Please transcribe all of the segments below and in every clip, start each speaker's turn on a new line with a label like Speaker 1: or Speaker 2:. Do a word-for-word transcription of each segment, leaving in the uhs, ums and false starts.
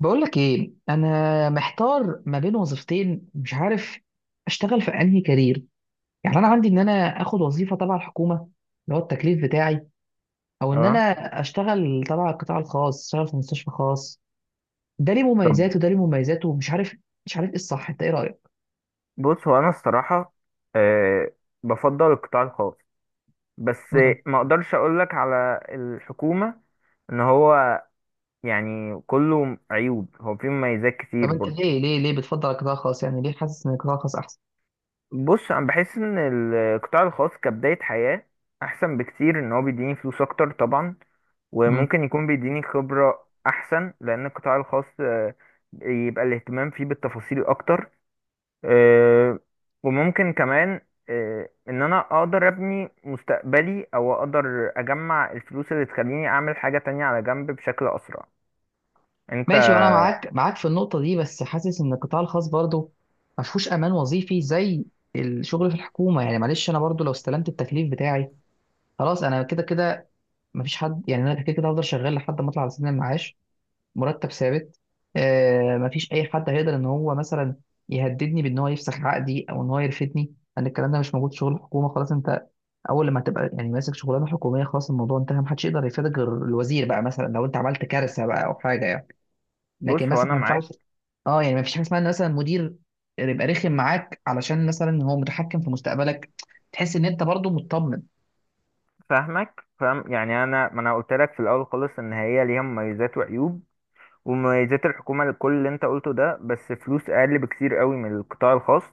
Speaker 1: بقولك ايه، انا محتار ما بين وظيفتين، مش عارف اشتغل في انهي كارير. يعني انا عندي ان انا اخد وظيفه تبع الحكومه اللي هو التكليف بتاعي، او ان انا
Speaker 2: اه.
Speaker 1: اشتغل تبع القطاع الخاص، اشتغل في مستشفى خاص. ده ليه
Speaker 2: طب،
Speaker 1: مميزاته وده ليه مميزاته ومش عارف، مش عارف ايه الصح، انت ايه رايك؟
Speaker 2: بص هو انا الصراحه، أه بفضل القطاع الخاص. بس
Speaker 1: امم
Speaker 2: ما اقدرش اقول لك على الحكومه ان هو، يعني كله عيوب، هو فيه مميزات
Speaker 1: طب
Speaker 2: كتير
Speaker 1: انت
Speaker 2: برضه.
Speaker 1: ليه ليه ليه بتفضل القطاع الخاص، يعني ليه حاسس ان القطاع الخاص احسن؟
Speaker 2: بص انا بحس ان القطاع الخاص كبدايه حياه احسن بكتير، ان هو بيديني فلوس اكتر طبعا،
Speaker 1: مم.
Speaker 2: وممكن يكون بيديني خبره احسن، لان القطاع الخاص آه، يبقى الاهتمام فيه بالتفاصيل اكتر. آه، وممكن كمان آه، ان انا اقدر ابني مستقبلي او اقدر اجمع الفلوس اللي تخليني اعمل حاجة تانية على جنب بشكل اسرع. انت.
Speaker 1: ماشي، وانا معاك معاك في النقطه دي، بس حاسس ان القطاع الخاص برضه ما فيهوش امان وظيفي زي الشغل في الحكومه. يعني معلش انا برضه لو استلمت التكليف بتاعي خلاص انا كده كده ما فيش حد، يعني انا كده كده هفضل شغال لحد ما اطلع على سن المعاش، مرتب ثابت. آه، ما فيش اي حد هيقدر ان هو مثلا يهددني بان هو يفسخ عقدي او ان هو يرفدني، لان الكلام ده مش موجود في شغل الحكومه. خلاص، انت اول لما تبقى يعني ماسك شغلانه حكوميه خلاص الموضوع انتهى، محدش يقدر يفيدك غير الوزير بقى، مثلا لو انت عملت كارثه بقى او حاجه يعني. لكن
Speaker 2: بص هو
Speaker 1: مثلا
Speaker 2: انا
Speaker 1: ما
Speaker 2: معاك.
Speaker 1: ينفعش، اه يعني ما فيش حاجه اسمها ان مثلا مدير يبقى رخم معاك علشان مثلا هو متحكم في مستقبلك، تحس ان انت برضو مطمن.
Speaker 2: فاهمك، فاهم، يعني انا ما انا قلت لك في الاول خالص ان هي ليها مميزات وعيوب، ومميزات الحكومة لكل اللي انت قلته ده، بس فلوس اقل بكتير قوي من القطاع الخاص.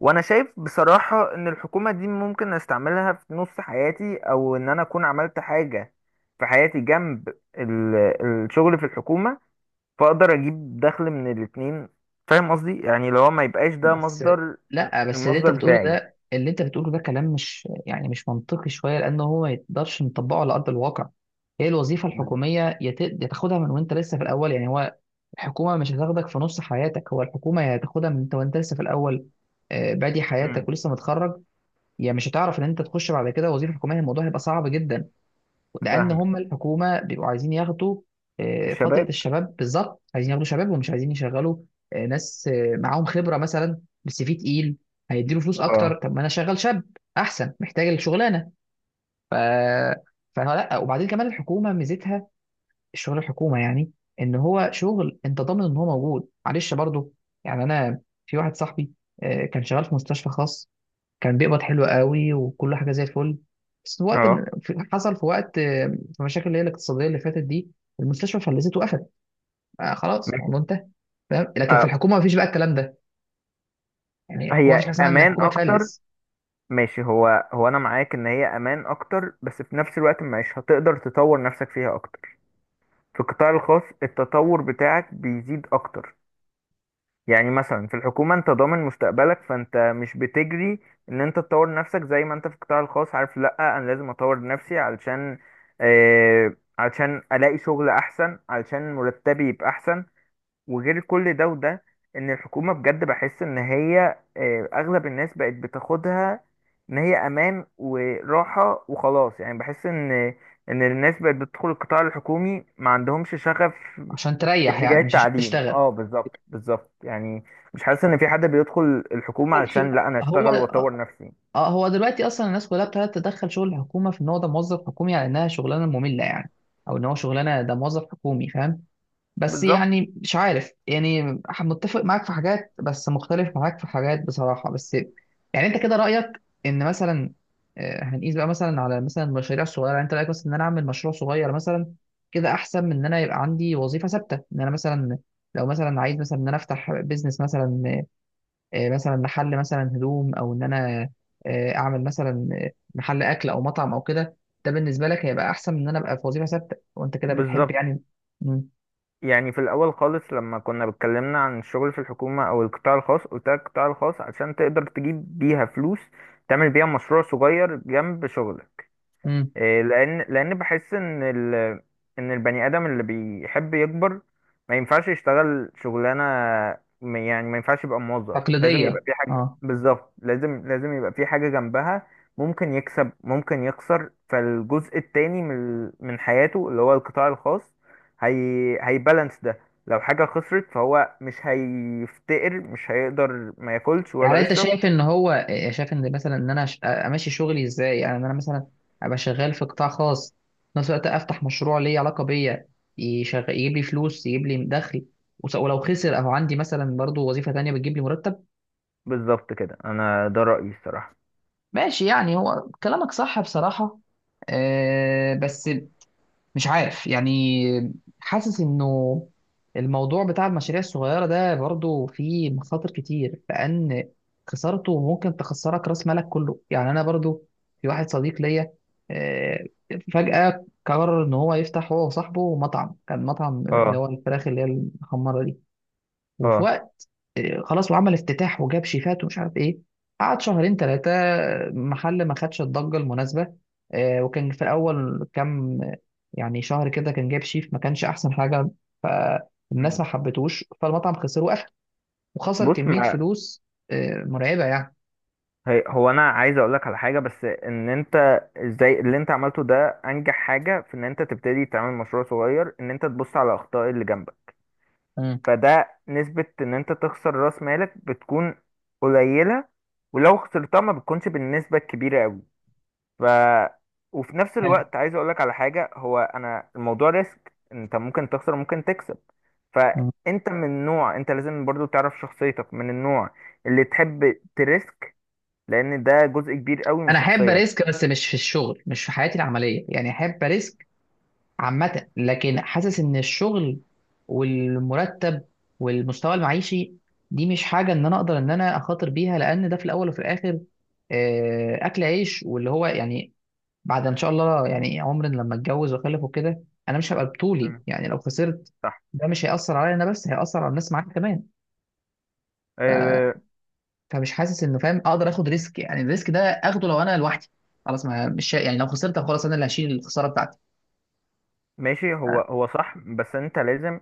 Speaker 2: وانا شايف بصراحة ان الحكومة دي ممكن استعملها في نص حياتي، او ان انا اكون عملت حاجة في حياتي جنب ال- الشغل في الحكومة، فاقدر اجيب دخل من الاتنين. فاهم قصدي؟ يعني لو ما يبقاش ده
Speaker 1: بس
Speaker 2: مصدر،
Speaker 1: لا، بس اللي انت
Speaker 2: المصدر
Speaker 1: بتقوله
Speaker 2: بتاعي.
Speaker 1: ده، اللي انت بتقوله ده كلام مش يعني مش منطقي شويه، لان هو ما يقدرش نطبقه على ارض الواقع. هي الوظيفه
Speaker 2: مم.
Speaker 1: الحكوميه يت- يا تاخدها من وانت لسه في الاول يعني. هو الحكومه مش هتاخدك في نص حياتك، هو الحكومه يا تاخدها من انت وانت لسه في الاول، آه، بادي
Speaker 2: مم.
Speaker 1: حياتك ولسه متخرج. يا مش هتعرف ان انت تخش بعد كده وظيفه حكوميه، الموضوع هيبقى صعب جدا. لان
Speaker 2: فاهمك.
Speaker 1: هم الحكومه بيبقوا عايزين ياخدوا آه، فتره
Speaker 2: الشباب.
Speaker 1: الشباب، بالظبط عايزين ياخدوا شباب ومش عايزين يشغلوا آه، ناس آه، معاهم خبره مثلا، بس في تقيل هيديله فلوس اكتر.
Speaker 2: اه،
Speaker 1: طب ما انا شغال شاب احسن، محتاج الشغلانه. ف فلا، وبعدين كمان الحكومه ميزتها الشغل الحكومه يعني ان هو شغل انت ضامن ان هو موجود، معلش برضه. يعني انا في واحد صاحبي آه، كان شغال في مستشفى خاص، كان بيقبض حلو قوي وكل حاجه زي الفل. بس في وقت من-
Speaker 2: اه،
Speaker 1: في- حصل في وقت آه، في مشاكل اللي هي الاقتصاديه اللي فاتت دي، المستشفى فلست، وقفت. آه خلاص
Speaker 2: ماشي.
Speaker 1: الموضوع انتهى، فاهم؟ لكن في
Speaker 2: آه.
Speaker 1: الحكومه مفيش بقى الكلام ده، يعني الحكومه
Speaker 2: هي
Speaker 1: مفيش حاجه اسمها ان
Speaker 2: امان
Speaker 1: الحكومه
Speaker 2: اكتر.
Speaker 1: تفلس.
Speaker 2: ماشي، هو هو انا معاك ان هي امان اكتر، بس في نفس الوقت مش هتقدر تطور نفسك فيها اكتر. في القطاع الخاص التطور بتاعك بيزيد اكتر، يعني مثلا في الحكومة انت ضامن مستقبلك، فانت مش بتجري ان انت تطور نفسك زي ما انت في القطاع الخاص. عارف، لا انا لازم اطور نفسي علشان آه علشان الاقي شغل احسن، علشان مرتبي يبقى احسن، وغير كل ده وده، ان الحكومة بجد بحس ان هي، آه اغلب الناس بقت بتاخدها ان هي امان وراحة وخلاص، يعني بحس ان ان الناس بقت بتدخل القطاع الحكومي ما عندهمش شغف.
Speaker 1: عشان تريح
Speaker 2: اتجاه
Speaker 1: يعني، مش عشان
Speaker 2: التعليم،
Speaker 1: تشتغل.
Speaker 2: اه، بالظبط بالظبط، يعني مش حاسس ان في حد بيدخل الحكومة
Speaker 1: ماشي،
Speaker 2: علشان لا انا
Speaker 1: هو
Speaker 2: اشتغل واطور نفسي.
Speaker 1: آه، هو دلوقتي اصلا الناس كلها ابتدت تدخل شغل الحكومه في ان هو ده موظف حكومي على انها شغلانه ممله يعني، او ان هو شغلانه ده موظف حكومي، فاهم؟ بس
Speaker 2: بالظبط
Speaker 1: يعني مش عارف، يعني ح- متفق معاك في حاجات بس مختلف معاك في حاجات بصراحة. بس يعني انت كده رأيك ان مثلا آه، هنقيس بقى مثلا على مثلا المشاريع الصغيرة، يعني انت رأيك مثلا ان انا اعمل مشروع صغير مثلا كده احسن من ان انا يبقى عندي وظيفة ثابتة، ان انا مثلا لو مثلا عايز مثلا ان انا افتح بيزنس مثلا، آه، مثلا محل مثلا هدوم، او ان انا آه، اعمل مثلا آه، محل اكل او مطعم او كده، ده بالنسبة لك هيبقى احسن من ان انا ابقى في وظيفة ثابتة، وانت كده بتحب
Speaker 2: بالظبط،
Speaker 1: يعني.
Speaker 2: يعني في الاول خالص لما كنا بتكلمنا عن الشغل في الحكومة او القطاع الخاص، قلت لك القطاع الخاص علشان تقدر تجيب بيها فلوس تعمل بيها مشروع صغير جنب شغلك.
Speaker 1: مم.
Speaker 2: إيه، لان لان بحس ان ال... ان البني ادم اللي بيحب يكبر ما ينفعش يشتغل شغلانه، م- يعني ما ينفعش يبقى موظف، لازم يبقى
Speaker 1: تقليدية.
Speaker 2: في حاجه
Speaker 1: اه.
Speaker 2: بالظبط، لازم لازم يبقى في حاجه جنبها. ممكن يكسب، ممكن يخسر، فالجزء التاني من ال- من حياته اللي هو القطاع الخاص، هي هيبالانس ده. لو حاجه خسرت فهو مش هيفتقر، مش هيقدر، ما ياكلش
Speaker 1: يعني
Speaker 2: ولا
Speaker 1: انت
Speaker 2: يشرب.
Speaker 1: شايف ان هو آه، شايف ان مثلا ان انا أش- آه، امشي شغلي ازاي، يعني ان انا مثلا ابقى شغال في قطاع خاص، في نفس الوقت افتح مشروع ليه علاقه بيا، يشغل يجيب لي فلوس يجيب لي دخل، وس- ولو خسر او عندي مثلا برضو وظيفه تانية بتجيب لي مرتب.
Speaker 2: بالظبط، كده انا ده رايي الصراحه.
Speaker 1: ماشي، يعني هو كلامك صح بصراحه، آه، بس مش عارف يعني، حاسس انه الموضوع بتاع المشاريع الصغيرة ده برضو فيه مخاطر كتير، لأن خسارته ممكن تخسرك رأس مالك كله. يعني أنا برضو في واحد صديق ليا آه، فجأة قرر إن هو يفتح هو وصاحبه مطعم، كان مطعم اللي
Speaker 2: اه.
Speaker 1: هو الفراخ اللي هي المحمرة دي. وفي
Speaker 2: اه.
Speaker 1: وقت إيه، خلاص، وعمل افتتاح وجاب شيفات ومش عارف ايه. قعد شهرين ثلاثة، محل ما خدش الضجة المناسبة. آه، وكان في الأول كام يعني شهر كده كان جايب شيف ما كانش أحسن حاجة، فالناس
Speaker 2: مم.
Speaker 1: ما حبتوش، فالمطعم خسر وقفل. وخسر
Speaker 2: بص،
Speaker 1: كمية
Speaker 2: ما
Speaker 1: فلوس آه، مرعبة يعني.
Speaker 2: هي هو انا عايز اقول لك على حاجه، بس ان انت ازاي اللي انت عملته ده انجح حاجه في ان انت تبتدي تعمل مشروع صغير، ان انت تبص على الاخطاء اللي جنبك.
Speaker 1: مم.
Speaker 2: فده نسبه ان انت تخسر راس مالك بتكون قليله، ولو خسرتها ما بتكونش بالنسبه الكبيره قوي. ف وفي نفس
Speaker 1: فاهم.
Speaker 2: الوقت عايز اقول لك على حاجه، هو انا الموضوع ريسك، انت ممكن تخسر، ممكن تكسب.
Speaker 1: مم.
Speaker 2: فانت من نوع، انت لازم برضو تعرف شخصيتك من النوع اللي تحب تريسك، لان ده جزء كبير قوي من
Speaker 1: أنا أحب
Speaker 2: الشخصيه.
Speaker 1: أريسك بس مش في الشغل، مش في حياتي العملية، يعني أحب أريسك عامة، لكن حاسس إن الشغل والمرتب والمستوى المعيشي دي مش حاجة إن أنا أقدر إن أنا أخاطر بيها، لأن ده في الأول وفي الآخر آه، أكل عيش واللي هو يعني، بعد إن شاء الله يعني عمر لما أتجوز وأخلف وكده أنا مش هبقى بطولي
Speaker 2: مم.
Speaker 1: يعني لو خسرت
Speaker 2: صح.
Speaker 1: ده مش هيأثر عليا أنا بس، هيأثر على الناس معايا كمان.
Speaker 2: آه،
Speaker 1: فمش حاسس إنه، فاهم، أقدر آخد ريسك، يعني الريسك ده آخده لو أنا لوحدي خلاص، ما مش يعني لو خسرت خلاص أنا اللي هشيل الخسارة بتاعتي.
Speaker 2: ماشي. هو هو صح، بس انت لازم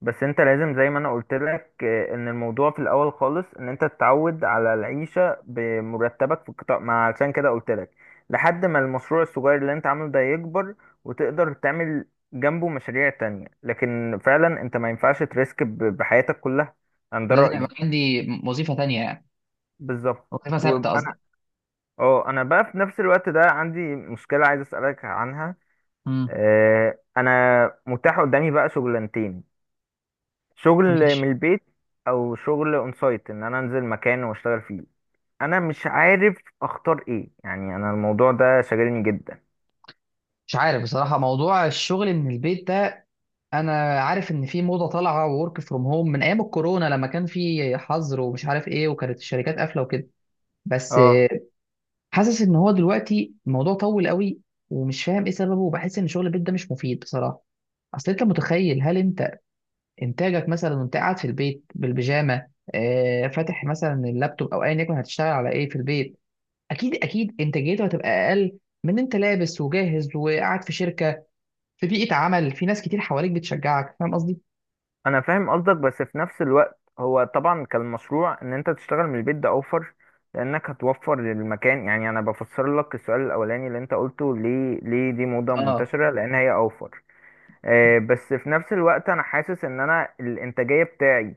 Speaker 2: بس انت لازم زي ما انا قلت لك، آه، ان الموضوع في الاول خالص ان انت تتعود على العيشه بمرتبك في القطاع، ما علشان كده قلت لك لحد ما المشروع الصغير اللي انت عامله ده يكبر وتقدر تعمل جنبه مشاريع تانية، لكن فعلا انت ما ينفعش تريسك ب- بحياتك كلها. انا ده
Speaker 1: لازم
Speaker 2: رأيي.
Speaker 1: يبقى عندي وظيفة تانية يعني،
Speaker 2: بالظبط.
Speaker 1: وظيفة ثابتة قصدي.
Speaker 2: وانا اه انا بقى في نفس الوقت ده عندي مشكلة عايز اسألك عنها.
Speaker 1: امم
Speaker 2: آه، انا متاح قدامي بقى شغلانتين، شغل من
Speaker 1: ماشي.
Speaker 2: البيت او شغل اون سايت ان انا انزل مكان واشتغل فيه. انا مش عارف اختار ايه، يعني انا الموضوع ده شاغلني جدا.
Speaker 1: مش عارف بصراحة، موضوع الشغل من البيت ده أنا عارف إن في موضة طالعة، وورك فروم هوم، من أيام الكورونا لما كان في حظر ومش عارف إيه وكانت الشركات قافلة وكده. بس
Speaker 2: اه،
Speaker 1: آه، حاسس إن هو دلوقتي الموضوع طول قوي، ومش فاهم إيه سببه، وبحس إن شغل البيت ده مش مفيد بصراحة. أصل أنت متخيل، هل أنت إنتاجك مثلا وأنت قاعد في البيت بالبيجامة، آه، فاتح مثلا اللابتوب أو أيا يكن، هتشتغل على إيه في البيت؟ أكيد أكيد إنتاجيته هتبقى أقل من أنت لابس وجاهز وقاعد في شركة، في بيئة عمل، في ناس كتير حواليك بتشجعك، فاهم قصدي؟
Speaker 2: انا فاهم قصدك، بس في نفس الوقت هو طبعا كان المشروع ان انت تشتغل من البيت ده اوفر، لانك هتوفر للمكان، يعني انا بفسر لك السؤال الاولاني اللي انت قلته ليه ليه دي موضة
Speaker 1: اه،
Speaker 2: منتشرة، لان هي اوفر. آه، بس في نفس الوقت انا حاسس ان انا الانتاجية بتاعي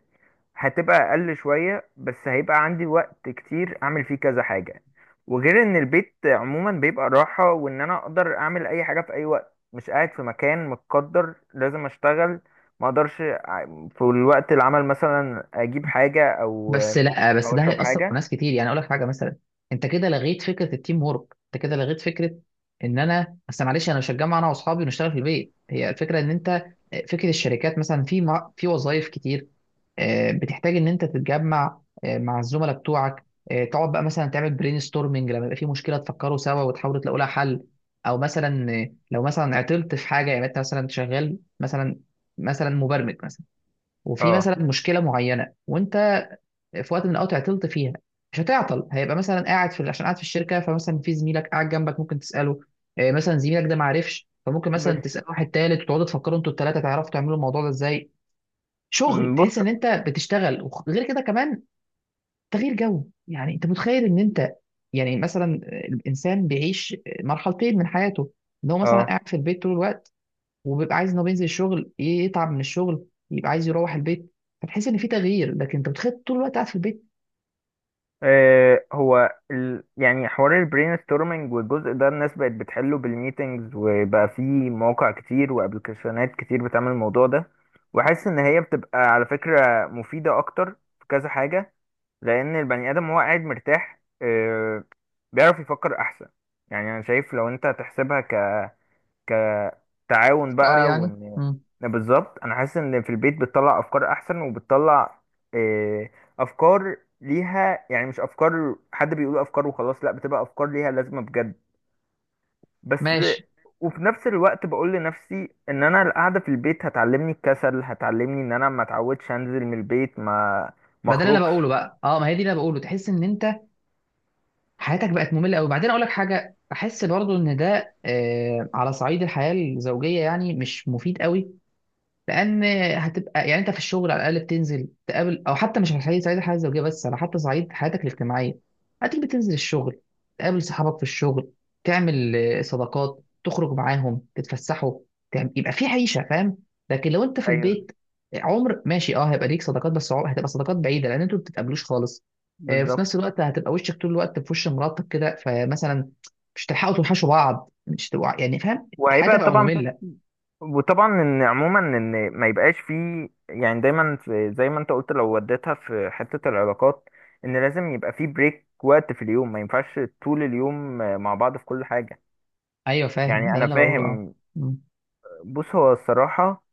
Speaker 2: هتبقى اقل شوية، بس هيبقى عندي وقت كتير اعمل فيه كذا حاجة، وغير ان البيت عموما بيبقى راحة، وان انا اقدر اعمل اي حاجة في اي وقت، مش قاعد في مكان متقدر لازم اشتغل، ما اقدرش ع- في الوقت العمل مثلا اجيب حاجة او
Speaker 1: بس لا، بس
Speaker 2: او
Speaker 1: ده
Speaker 2: اشرب
Speaker 1: هيأثر في
Speaker 2: حاجة.
Speaker 1: ناس كتير، يعني اقول لك حاجه مثلا، انت كده لغيت فكره التيم وورك، انت كده لغيت فكره ان انا بس، معلش انا مش هتجمع انا واصحابي ونشتغل في البيت، هي الفكره ان انت فكره الشركات مثلا في مع- في وظائف كتير آه، بتحتاج ان انت تتجمع آه، مع الزملاء بتوعك، آه، تقعد بقى مثلا تعمل برين ستورمنج لما يبقى في مشكله تفكروا سوا وتحاولوا تلاقوا لها حل. او مثلا آه، لو مثلا عطلت في حاجه، يعني انت مثلا شغال مثلا مثلا مبرمج مثلا، وفي
Speaker 2: اه.
Speaker 1: مثلا مشكله معينه وانت في وقت من الاوقات عطلت فيها، مش هتعطل، هيبقى مثلا قاعد في عشان قاعد في الشركه، فمثلا في زميلك قاعد جنبك ممكن تساله، آه، مثلا زميلك ده ما عرفش، فممكن مثلا
Speaker 2: بس.
Speaker 1: تسال واحد تالت وتقعدوا تفكروا انتوا التلاته تعرفوا تعملوا الموضوع ده ازاي. شغل،
Speaker 2: م، بص.
Speaker 1: تحس ان انت بتشتغل، وغير كده كمان تغيير جو. يعني انت متخيل ان انت، يعني مثلا الانسان بيعيش مرحلتين من حياته، ان هو مثلا
Speaker 2: اه.
Speaker 1: قاعد في البيت طول الوقت، وبيبقى عايز ان هو بينزل الشغل يتعب من الشغل يبقى عايز يروح البيت، فتحس ان في تغيير، لكن انت بتخيل طول الوقت قاعد في البيت.
Speaker 2: آه، هو ال... يعني حوار البرين ستورمنج والجزء ده الناس بقت بتحله بالميتنجز، وبقى في مواقع كتير وابلكيشنات كتير بتعمل الموضوع ده، وحاسس ان هي بتبقى على فكرة مفيدة اكتر في كذا حاجة، لان البني ادم وهو قاعد مرتاح آه، بيعرف يفكر احسن. يعني انا شايف لو انت هتحسبها كتعاون
Speaker 1: افكار
Speaker 2: بقى،
Speaker 1: يعني.
Speaker 2: وان بالظبط، انا حاسس ان في البيت بتطلع افكار احسن، وبتطلع آه، افكار ليها، يعني مش افكار حد بيقول افكار وخلاص، لا بتبقى افكار ليها لازمة بجد. بس.
Speaker 1: ماشي،
Speaker 2: وفي نفس الوقت بقول لنفسي ان انا القعده في البيت هتعلمني الكسل، هتعلمني ان انا ما اتعودش انزل من البيت، ما ما
Speaker 1: ما ده اللي انا
Speaker 2: اخرجش.
Speaker 1: بقوله بقى، اه، ما هي دي اللي انا بقوله، تحس ان انت حياتك بقت ممله قوي. وبعدين اقول لك حاجه، بحس برضو ان ده آه على صعيد الحياه الزوجيه يعني مش مفيد قوي، لان هتبقى يعني انت في الشغل على الاقل بتنزل تقابل، او حتى مش حي- صعيد الحياه الزوجيه، بس على حتى صعيد حياتك الاجتماعيه، هتيجي بتنزل الشغل تقابل صحابك في الشغل، تعمل آه، صداقات تخرج معاهم تتفسحوا، تعمل يبقى في عيشه، فاهم؟ لكن لو انت في
Speaker 2: ايوه،
Speaker 1: البيت عمر، ماشي، اه هيبقى ليك صداقات، بس عمر هتبقى صداقات بعيده لان انتوا ما بتتقابلوش خالص. آه، في
Speaker 2: بالظبط.
Speaker 1: نفس الوقت هتبقى وشك طول الوقت في وش مراتك كده، فمثلا مش هتلحقوا توحشوا بعض، مش تبقوا يعني، فاهم؟ حياتك
Speaker 2: وهيبقى
Speaker 1: هتبقى
Speaker 2: طبعا في-
Speaker 1: ممله.
Speaker 2: وطبعا ان عموما ان ما يبقاش فيه، يعني دايما في، زي ما انت قلت لو وديتها في حتة العلاقات، ان لازم يبقى فيه بريك وقت في اليوم، ما ينفعش طول اليوم مع بعض في كل حاجة.
Speaker 1: ايوه فاهم، هذا
Speaker 2: يعني
Speaker 1: اللي
Speaker 2: انا
Speaker 1: انا بقوله، اه.
Speaker 2: فاهم.
Speaker 1: مم.
Speaker 2: بص هو الصراحة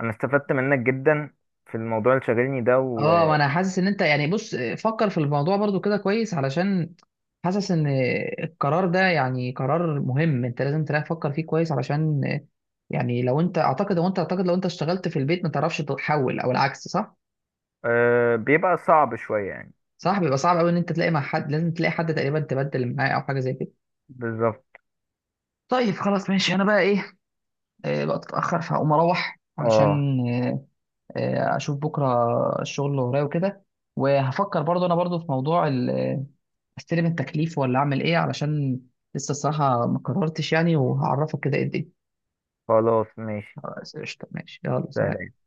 Speaker 2: انا استفدت منك جدا في الموضوع اللي شاغلني ده.
Speaker 1: اه، ما انا حاسس ان انت يعني، بص فكر في الموضوع برضو كده كويس، علشان حاسس ان القرار ده يعني قرار مهم، انت لازم تفكر فيه كويس، علشان يعني لو انت اعتقد لو انت اعتقد لو انت اشتغلت في البيت ما تعرفش تحول، او العكس صح.
Speaker 2: وبيبقى صعب شوية يعني.
Speaker 1: صح، بيبقى صعب قوي ان انت تلاقي مع حد، لازم تلاقي حد تقريبا تبدل معاه او حاجه زي كده.
Speaker 2: بالظبط.
Speaker 1: طيب، خلاص ماشي، انا بقى ايه، آه، بقى تتاخر فهقوم اروح
Speaker 2: اه،
Speaker 1: علشان آه، اشوف بكره الشغل اللي ورايا وكده، وهفكر برضو انا برضو في موضوع ال- آه، استلم التكليف ولا اعمل ايه، علشان لسه الصراحه ما قررتش يعني، وهعرفك كده ايه الدنيا.
Speaker 2: خلاص ماشي،
Speaker 1: خلاص، قشطه، ماشي، يلا سلام.
Speaker 2: سلام.